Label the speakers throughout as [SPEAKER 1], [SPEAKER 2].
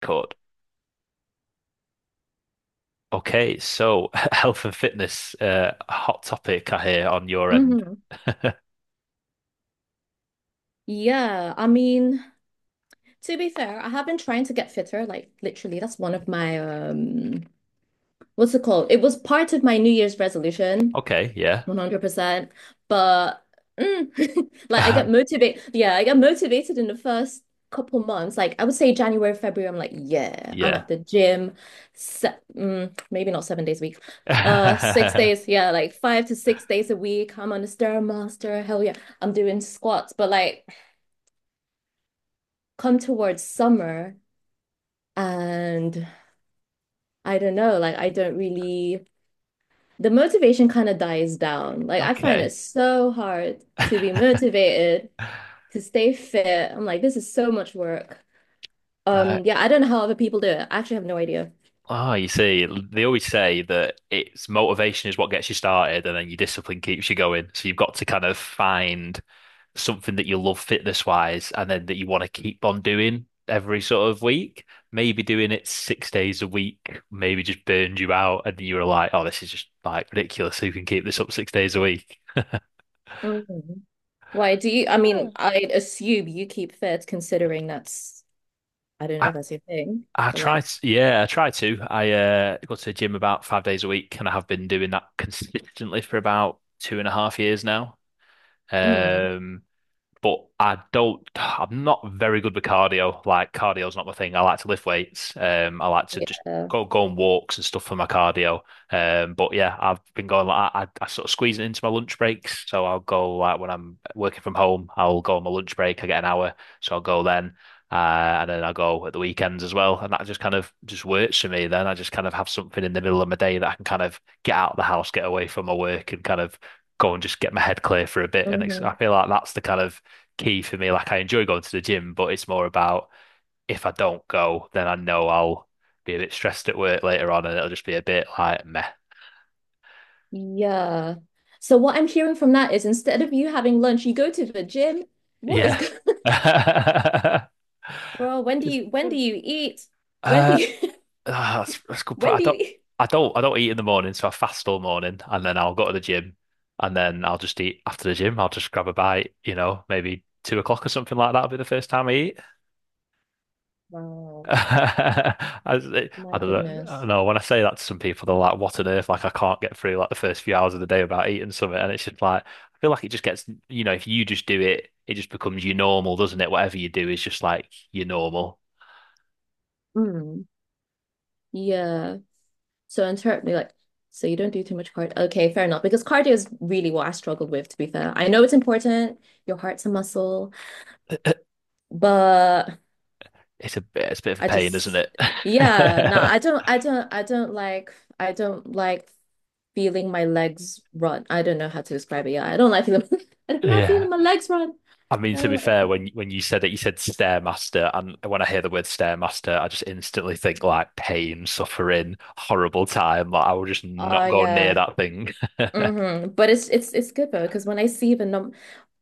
[SPEAKER 1] Court. Okay, so health and fitness, hot topic I hear on your end.
[SPEAKER 2] Hmm. Yeah, I mean, to be fair, I have been trying to get fitter. Like literally, that's one of my what's it called? It was part of my New Year's resolution,
[SPEAKER 1] Okay, yeah.
[SPEAKER 2] 100%. But like I get motivated. Yeah, I get motivated in the first couple months. Like I would say January, February, I'm like, yeah, I'm
[SPEAKER 1] Yeah.
[SPEAKER 2] at the gym. Se Maybe not 7 days a week. Six days, yeah, like 5 to 6 days a week. I'm on the Stairmaster. Hell yeah, I'm doing squats. But like come towards summer and I don't know, like I don't really the motivation kind of dies down. Like I find it
[SPEAKER 1] Okay.
[SPEAKER 2] so hard to be motivated, to stay fit. I'm like, this is so much work.
[SPEAKER 1] Uh,
[SPEAKER 2] Yeah, I don't know how other people do it. I actually have no idea.
[SPEAKER 1] oh, you see, they always say that it's motivation is what gets you started and then your discipline keeps you going. So you've got to kind of find something that you love fitness wise and then that you want to keep on doing every sort of week, maybe doing it 6 days a week, maybe just burned you out and you were like, oh, this is just like ridiculous. Who can keep this up 6 days a week?
[SPEAKER 2] Mhm. Why do you, I mean, I assume you keep fit considering that's, I don't know
[SPEAKER 1] I,
[SPEAKER 2] if that's your thing,
[SPEAKER 1] I
[SPEAKER 2] but
[SPEAKER 1] try
[SPEAKER 2] like,
[SPEAKER 1] to, yeah, I try to. I go to the gym about 5 days a week and I have been doing that consistently for about 2.5 years now.
[SPEAKER 2] mm,
[SPEAKER 1] Um, but I don't. I'm not very good with cardio. Like cardio's not my thing. I like to lift weights. I like to just go on walks and stuff for my cardio. But yeah, I've been going like I sort of squeeze it into my lunch breaks. So I'll go like when I'm working from home, I'll go on my lunch break. I get an hour, so I'll go then. And then I go at the weekends as well, and that just kind of just works for me. Then I just kind of have something in the middle of my day that I can kind of get out of the house, get away from my work, and kind of go and just get my head clear for a bit. And it's,
[SPEAKER 2] yeah.
[SPEAKER 1] I feel like that's the kind of key for me. Like I enjoy going to the gym, but it's more about if I don't go, then I know I'll be a bit stressed at work later on, and it'll just be a bit like meh.
[SPEAKER 2] Yeah. So what I'm hearing from that is instead of you having lunch, you go to the gym. What is
[SPEAKER 1] Yeah.
[SPEAKER 2] going Bro, when do
[SPEAKER 1] It's-
[SPEAKER 2] you when do you eat? When do
[SPEAKER 1] Uh,
[SPEAKER 2] you
[SPEAKER 1] ah, that's a good point.
[SPEAKER 2] when do you eat?
[SPEAKER 1] I don't eat in the morning, so I fast all morning, and then I'll go to the gym, and then I'll just eat after the gym. I'll just grab a bite, you know, maybe 2 o'clock or something like that will be the first time I eat.
[SPEAKER 2] Wow.
[SPEAKER 1] I, I don't know. I
[SPEAKER 2] My
[SPEAKER 1] don't know.
[SPEAKER 2] goodness.
[SPEAKER 1] No, when I say that to some people, they're like, "What on earth?" Like, I can't get through like the first few hours of the day without eating something, and it's just like I feel like it just gets, you know, if you just do it, it just becomes your normal, doesn't it? Whatever you do is just like your normal.
[SPEAKER 2] Mm. Yeah. So interpret like so you don't do too much cardio. Okay, fair enough. Because cardio is really what I struggled with, to be fair. I know it's important, your heart's a muscle, but
[SPEAKER 1] It's a bit of a
[SPEAKER 2] I
[SPEAKER 1] pain, isn't
[SPEAKER 2] just
[SPEAKER 1] it?
[SPEAKER 2] yeah, no, I don't I don't I don't like feeling my legs run. I don't know how to describe it. Yeah, I don't like feeling I don't like
[SPEAKER 1] Yeah.
[SPEAKER 2] feeling my legs run.
[SPEAKER 1] I mean,
[SPEAKER 2] I
[SPEAKER 1] to be
[SPEAKER 2] don't like.
[SPEAKER 1] fair, when you said it, you said stairmaster, and when I hear the word stairmaster, I just instantly think like pain, suffering, horrible time. Like I will just
[SPEAKER 2] Oh
[SPEAKER 1] not go near
[SPEAKER 2] yeah.
[SPEAKER 1] that thing.
[SPEAKER 2] Hmm. But it's good though because when I see the num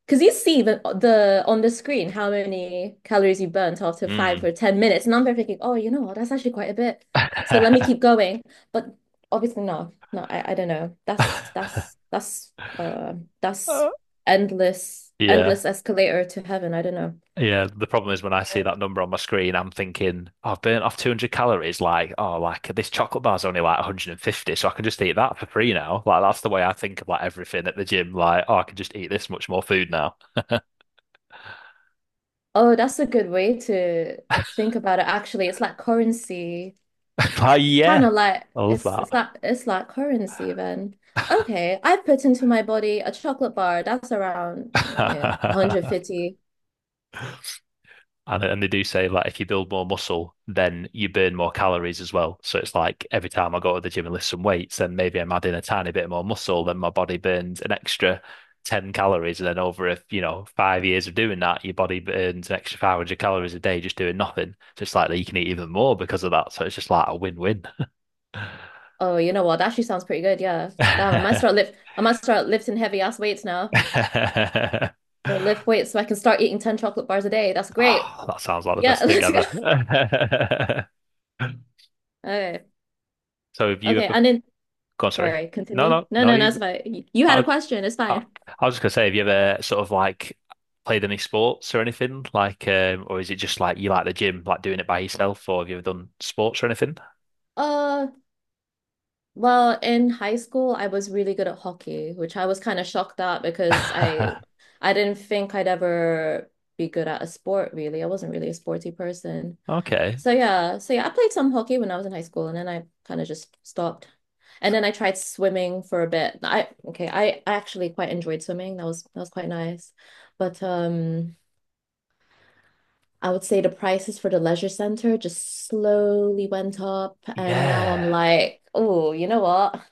[SPEAKER 2] because you see the on the screen how many calories you burnt after five
[SPEAKER 1] Hmm.
[SPEAKER 2] or ten minutes and I'm there thinking, oh, you know what, that's actually quite a bit, so let me keep going, but obviously no I, I don't know, uh that's
[SPEAKER 1] Uh,
[SPEAKER 2] endless
[SPEAKER 1] yeah.
[SPEAKER 2] escalator to heaven, I don't know.
[SPEAKER 1] Yeah. The problem is when I see
[SPEAKER 2] Yeah.
[SPEAKER 1] that number on my screen, I'm thinking, "Oh, I've burnt off 200 calories. Like, oh, like this chocolate bar's only like 150, so I can just eat that for free now. Like, that's the way I think of like everything at the gym. Like, oh, I can just eat this much more food now.
[SPEAKER 2] Oh, that's a good way to think about it. Actually, it's like currency,
[SPEAKER 1] Like,
[SPEAKER 2] kind
[SPEAKER 1] yeah,
[SPEAKER 2] of like
[SPEAKER 1] I love
[SPEAKER 2] it's it's
[SPEAKER 1] that.
[SPEAKER 2] like it's like currency then. Okay, I put into my body a chocolate bar. That's around yeah, 150.
[SPEAKER 1] And they do say like if you build more muscle, then you burn more calories as well. So it's like every time I go to the gym and lift some weights, then maybe I'm adding a tiny bit more muscle, then my body burns an extra 10 calories. And then over if you know 5 years of doing that, your body burns an extra 500 calories a day just doing nothing. So it's like that you can eat even more because of that. So it's just like a win-win.
[SPEAKER 2] Oh, you know what? That actually sounds pretty good. Yeah. Damn, I might start lifting heavy ass weights now. I'll lift weights so I can start eating 10 chocolate bars a day. That's great.
[SPEAKER 1] Oh, that sounds like the
[SPEAKER 2] Yeah,
[SPEAKER 1] best thing
[SPEAKER 2] let's go.
[SPEAKER 1] ever.
[SPEAKER 2] Okay.
[SPEAKER 1] So have you
[SPEAKER 2] Okay,
[SPEAKER 1] ever
[SPEAKER 2] and then
[SPEAKER 1] go on, sorry.
[SPEAKER 2] sorry,
[SPEAKER 1] No,
[SPEAKER 2] continue.
[SPEAKER 1] no,
[SPEAKER 2] No,
[SPEAKER 1] no.
[SPEAKER 2] no, no,
[SPEAKER 1] You,
[SPEAKER 2] it's fine. You had a
[SPEAKER 1] I,
[SPEAKER 2] question. It's
[SPEAKER 1] I,
[SPEAKER 2] fine.
[SPEAKER 1] I was just gonna say, have you ever sort of like played any sports or anything? Like, or is it just like you like the gym, like doing it by yourself, or have you ever done sports or anything?
[SPEAKER 2] Uh, Well, in high school, I was really good at hockey, which I was kind of shocked at because I I didn't think I'd ever be good at a sport, really. I wasn't really a sporty person.
[SPEAKER 1] Okay.
[SPEAKER 2] So yeah, I played some hockey when I was in high school and then I kind of just stopped. And then I tried swimming for a bit. I actually quite enjoyed swimming. That was quite nice. But I would say the prices for the leisure center just slowly went up. And now I'm
[SPEAKER 1] Yeah.
[SPEAKER 2] like, oh, you know what?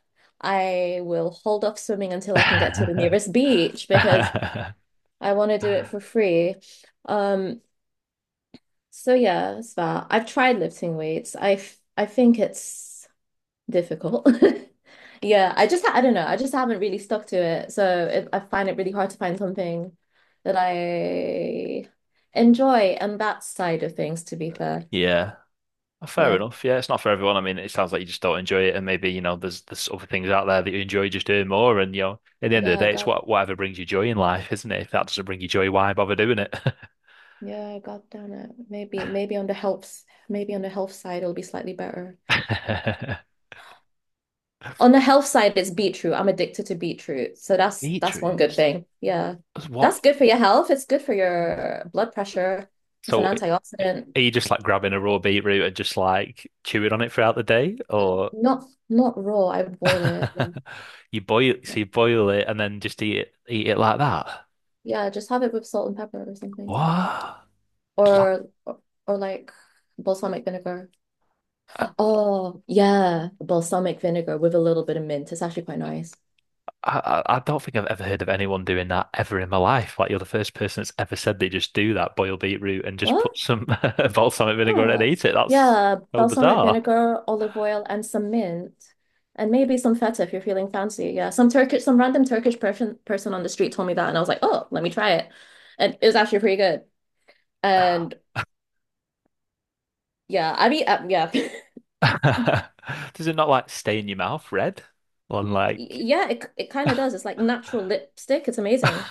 [SPEAKER 2] I will hold off swimming until I can get to the nearest beach because I want to do it for free. Um, so yeah, it's that. I've tried lifting weights. I think it's difficult. Yeah, I just I don't know. I just haven't really stuck to it. So it, I find it really hard to find something that I enjoy and that side of things, to be fair.
[SPEAKER 1] Yeah. Fair
[SPEAKER 2] Yeah.
[SPEAKER 1] enough. Yeah, it's not for everyone. I mean, it sounds like you just don't enjoy it, and maybe you know there's other things out there that you enjoy just doing more. And you know, at the end of
[SPEAKER 2] Yeah,
[SPEAKER 1] the
[SPEAKER 2] I
[SPEAKER 1] day, it's
[SPEAKER 2] got
[SPEAKER 1] what whatever brings you joy in life, isn't it? If that doesn't bring you joy, why bother doing it?
[SPEAKER 2] yeah, I got down it. Maybe on the health side it'll be slightly better. On the health side, it's beetroot. I'm addicted to beetroot. So that's one good
[SPEAKER 1] Beetroots?
[SPEAKER 2] thing. Yeah.
[SPEAKER 1] What?
[SPEAKER 2] That's good for your health. It's good for your blood pressure. It's an
[SPEAKER 1] So,
[SPEAKER 2] antioxidant.
[SPEAKER 1] are you just like grabbing a raw beetroot and just like chewing on it throughout the day, or
[SPEAKER 2] Not not raw. I would boil it. Yeah.
[SPEAKER 1] you boil?
[SPEAKER 2] Yeah.
[SPEAKER 1] So you boil it and then just eat it like that?
[SPEAKER 2] Yeah, just have it with salt and pepper or something. Yeah.
[SPEAKER 1] What? That-
[SPEAKER 2] Or or, or like balsamic vinegar.
[SPEAKER 1] I,
[SPEAKER 2] Oh, yeah, balsamic vinegar with a little bit of mint. It's actually quite nice.
[SPEAKER 1] I don't think I've ever heard of anyone doing that ever in my life. Like you're the first person that's ever said they just do that, boil beetroot and just
[SPEAKER 2] What?
[SPEAKER 1] put some balsamic vinegar on it and
[SPEAKER 2] Yeah,
[SPEAKER 1] eat it. That's
[SPEAKER 2] yeah,
[SPEAKER 1] so
[SPEAKER 2] balsamic
[SPEAKER 1] bizarre.
[SPEAKER 2] vinegar, olive oil, and some mint, and maybe some feta if you're feeling fancy. Yeah, some Turkish, some random Turkish person on the street told me that, and I was like, oh, let me try it, and it was actually pretty good. And yeah, I mean, yeah,
[SPEAKER 1] Does it not like stain your mouth red? On like
[SPEAKER 2] yeah, it kind of does. It's like natural lipstick. It's amazing.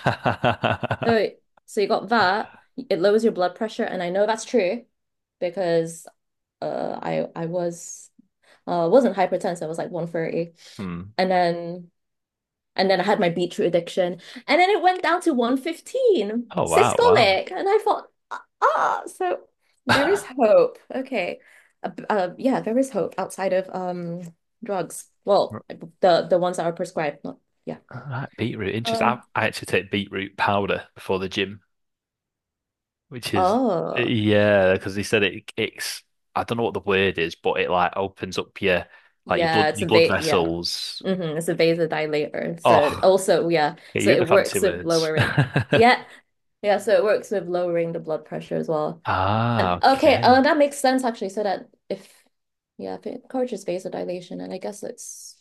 [SPEAKER 2] So so you got that. It lowers your blood pressure, and I know that's true because I was wasn't hypertensive. I was like 130,
[SPEAKER 1] hmm.
[SPEAKER 2] and then. And then I had my beetroot addiction. And then it went down to 115
[SPEAKER 1] Oh wow, wow.
[SPEAKER 2] systolic. And I thought, ah, ah, so there is hope. Okay. Yeah, there is hope outside of drugs. Well, the ones that are prescribed, not yeah.
[SPEAKER 1] Right, beetroot. Interesting. I,
[SPEAKER 2] Um,
[SPEAKER 1] I actually take beetroot powder before the gym, which is
[SPEAKER 2] oh,
[SPEAKER 1] yeah, because they said it's I don't know what the word is, but it like opens up your like
[SPEAKER 2] yeah, it's
[SPEAKER 1] your
[SPEAKER 2] a
[SPEAKER 1] blood
[SPEAKER 2] va yeah.
[SPEAKER 1] vessels.
[SPEAKER 2] Hmm. It's a vasodilator. So it
[SPEAKER 1] Oh,
[SPEAKER 2] also, yeah.
[SPEAKER 1] yeah,
[SPEAKER 2] So
[SPEAKER 1] you and the
[SPEAKER 2] it
[SPEAKER 1] fancy
[SPEAKER 2] works with
[SPEAKER 1] words.
[SPEAKER 2] lowering. Yeah. Yeah, so it works with lowering the blood pressure as well.
[SPEAKER 1] Ah,
[SPEAKER 2] Okay,
[SPEAKER 1] okay.
[SPEAKER 2] that makes sense actually. So that if, yeah, if it encourages vasodilation, and I guess it's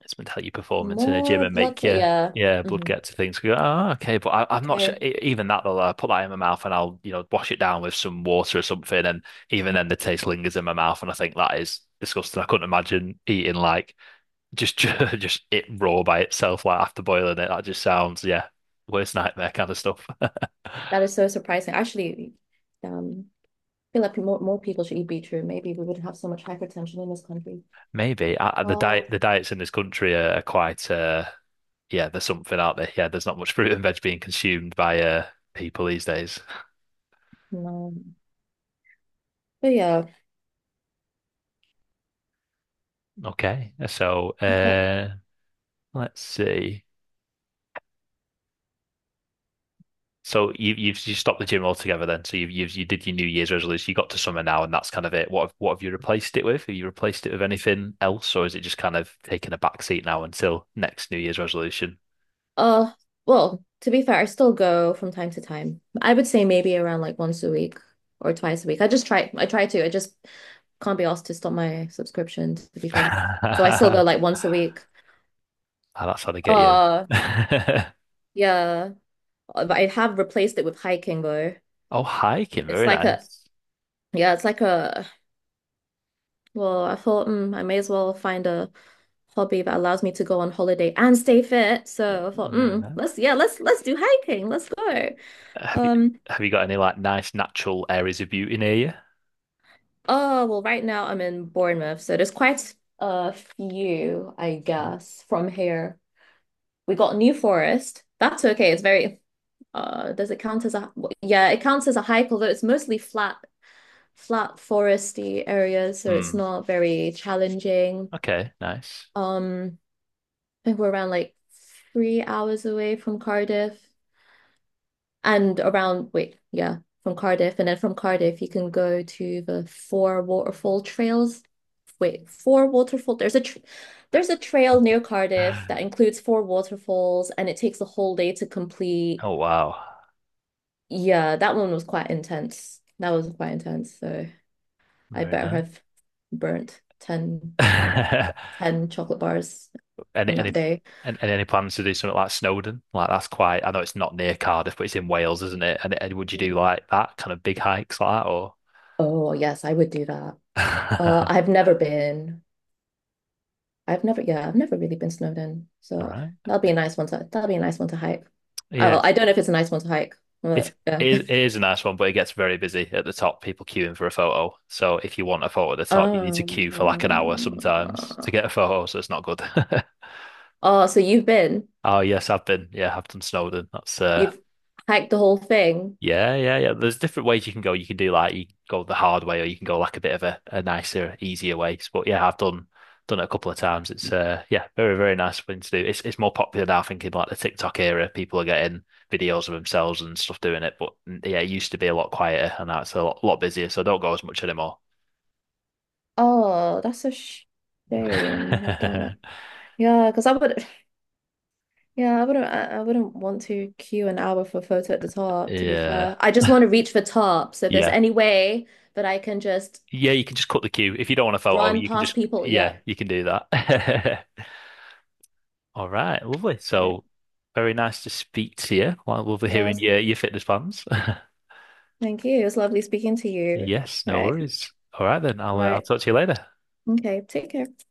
[SPEAKER 1] It's meant to help your performance in a gym
[SPEAKER 2] more
[SPEAKER 1] and
[SPEAKER 2] blood
[SPEAKER 1] make
[SPEAKER 2] flow.
[SPEAKER 1] your
[SPEAKER 2] Yeah.
[SPEAKER 1] yeah blood
[SPEAKER 2] Hmm.
[SPEAKER 1] get to things. You go, oh, okay, but I'm not sure.
[SPEAKER 2] Okay,
[SPEAKER 1] E- Even that though, I put that in my mouth and I'll you know wash it down with some water or something, and even then the taste lingers in my mouth, and I think that is disgusting. I couldn't imagine eating like just just it raw by itself, like after boiling it. That just sounds yeah. Worst nightmare kind of stuff.
[SPEAKER 2] that is so surprising. Actually, um, I feel like more people should eat beetroot. Maybe we wouldn't have so much hypertension in this country.
[SPEAKER 1] Maybe I-
[SPEAKER 2] Oh
[SPEAKER 1] the diets in this country are quite yeah there's something out there yeah there's not much fruit and veg being consumed by people these days.
[SPEAKER 2] no, but yeah,
[SPEAKER 1] Okay. So,
[SPEAKER 2] that,
[SPEAKER 1] let's see. So you stopped the gym altogether then. So you did your New Year's resolution. You got to summer now, and that's kind of it. What have you replaced it with? Have you replaced it with anything else, or is it just kind of taking a back seat now until next New Year's resolution?
[SPEAKER 2] uh, well, to be fair, I still go from time to time. I would say maybe around like once a week or twice a week. I just try. I try to. I just can't be asked to stop my subscription, to be fair. So I still go like once a week.
[SPEAKER 1] Ah, that's how they get you.
[SPEAKER 2] Uh, yeah. But I have replaced it with hiking though.
[SPEAKER 1] Oh, hiking,
[SPEAKER 2] It's
[SPEAKER 1] very
[SPEAKER 2] like a,
[SPEAKER 1] nice.
[SPEAKER 2] yeah, it's like a, well, I thought I may as well find a hobby that allows me to go on holiday and stay fit. So I thought,
[SPEAKER 1] Very nice.
[SPEAKER 2] let's, yeah, let's do hiking. Let's go.
[SPEAKER 1] Have you
[SPEAKER 2] Um,
[SPEAKER 1] have you got any like nice natural areas of beauty near you?
[SPEAKER 2] oh, well, right now I'm in Bournemouth. So there's quite a few, I
[SPEAKER 1] Okay.
[SPEAKER 2] guess, from here. We got New Forest. That's okay. It's very, does it count as a? Yeah, it counts as a hike, although it's mostly flat, flat foresty areas, so it's
[SPEAKER 1] Hmm.
[SPEAKER 2] not very challenging.
[SPEAKER 1] Okay, nice.
[SPEAKER 2] Um, I think we're around like 3 hours away from Cardiff and around, wait, yeah, from Cardiff. And then from Cardiff, you can go to the four waterfall trails. Wait, four waterfall. There's a tr there's a trail near Cardiff that includes 4 waterfalls, and it takes a whole day to complete.
[SPEAKER 1] Oh wow.
[SPEAKER 2] Yeah, that one was quite intense. That was quite intense. So I
[SPEAKER 1] Very
[SPEAKER 2] better
[SPEAKER 1] nice.
[SPEAKER 2] have burnt 10 10 chocolate bars on that
[SPEAKER 1] Any
[SPEAKER 2] day.
[SPEAKER 1] and any plans to do something like Snowdon? Like that's quite. I know it's not near Cardiff, but it's in Wales, isn't it? And would you do like that kind of big hikes like that, or?
[SPEAKER 2] Oh, yes, I would do that. I've never been. I've never really been snowed in.
[SPEAKER 1] All
[SPEAKER 2] So
[SPEAKER 1] right.
[SPEAKER 2] that'll be a nice one to hike. I,
[SPEAKER 1] Yeah,
[SPEAKER 2] well, I don't know if it's a nice one to hike,
[SPEAKER 1] it's
[SPEAKER 2] but yeah.
[SPEAKER 1] it is a nice one, but it gets very busy at the top. People queuing for a photo. So if you want a photo at the top, you need to queue for like an hour
[SPEAKER 2] Um,
[SPEAKER 1] sometimes to get a photo. So it's not good.
[SPEAKER 2] oh, so you've been,
[SPEAKER 1] Oh yes, I've been. Yeah, I've done Snowdon. That's
[SPEAKER 2] you've hiked the whole thing.
[SPEAKER 1] yeah, yeah, yeah. There's different ways you can go. You can do like you go the hard way, or you can go like a bit of a nicer, easier way. But yeah, I've done it a couple of times. It's yeah, very, very nice thing to do. It's more popular now, I think, in like the TikTok era. People are getting videos of themselves and stuff doing it. But mm, yeah, it used to be a lot quieter and now it's a lot, lot busier, so I don't go as much anymore.
[SPEAKER 2] Oh, that's a shame. Damn it. Yeah, because I would. Yeah, I wouldn't want to queue an hour for a photo at the top, to be
[SPEAKER 1] Yeah.
[SPEAKER 2] fair. I just want to reach the top. So if there's
[SPEAKER 1] Yeah.
[SPEAKER 2] any way that I can just
[SPEAKER 1] Yeah, you can just cut the queue. If you don't want a photo,
[SPEAKER 2] run
[SPEAKER 1] you can
[SPEAKER 2] past
[SPEAKER 1] just
[SPEAKER 2] people,
[SPEAKER 1] yeah,
[SPEAKER 2] yeah.
[SPEAKER 1] you can do that. All right, lovely.
[SPEAKER 2] Right.
[SPEAKER 1] So very nice to speak to you. Well, lovely
[SPEAKER 2] Yeah, it
[SPEAKER 1] hearing
[SPEAKER 2] was-
[SPEAKER 1] your fitness plans.
[SPEAKER 2] thank you. It was lovely speaking to you.
[SPEAKER 1] Yes, no
[SPEAKER 2] Right.
[SPEAKER 1] worries. All right then, I'll
[SPEAKER 2] Right.
[SPEAKER 1] talk to you later.
[SPEAKER 2] Okay, take care.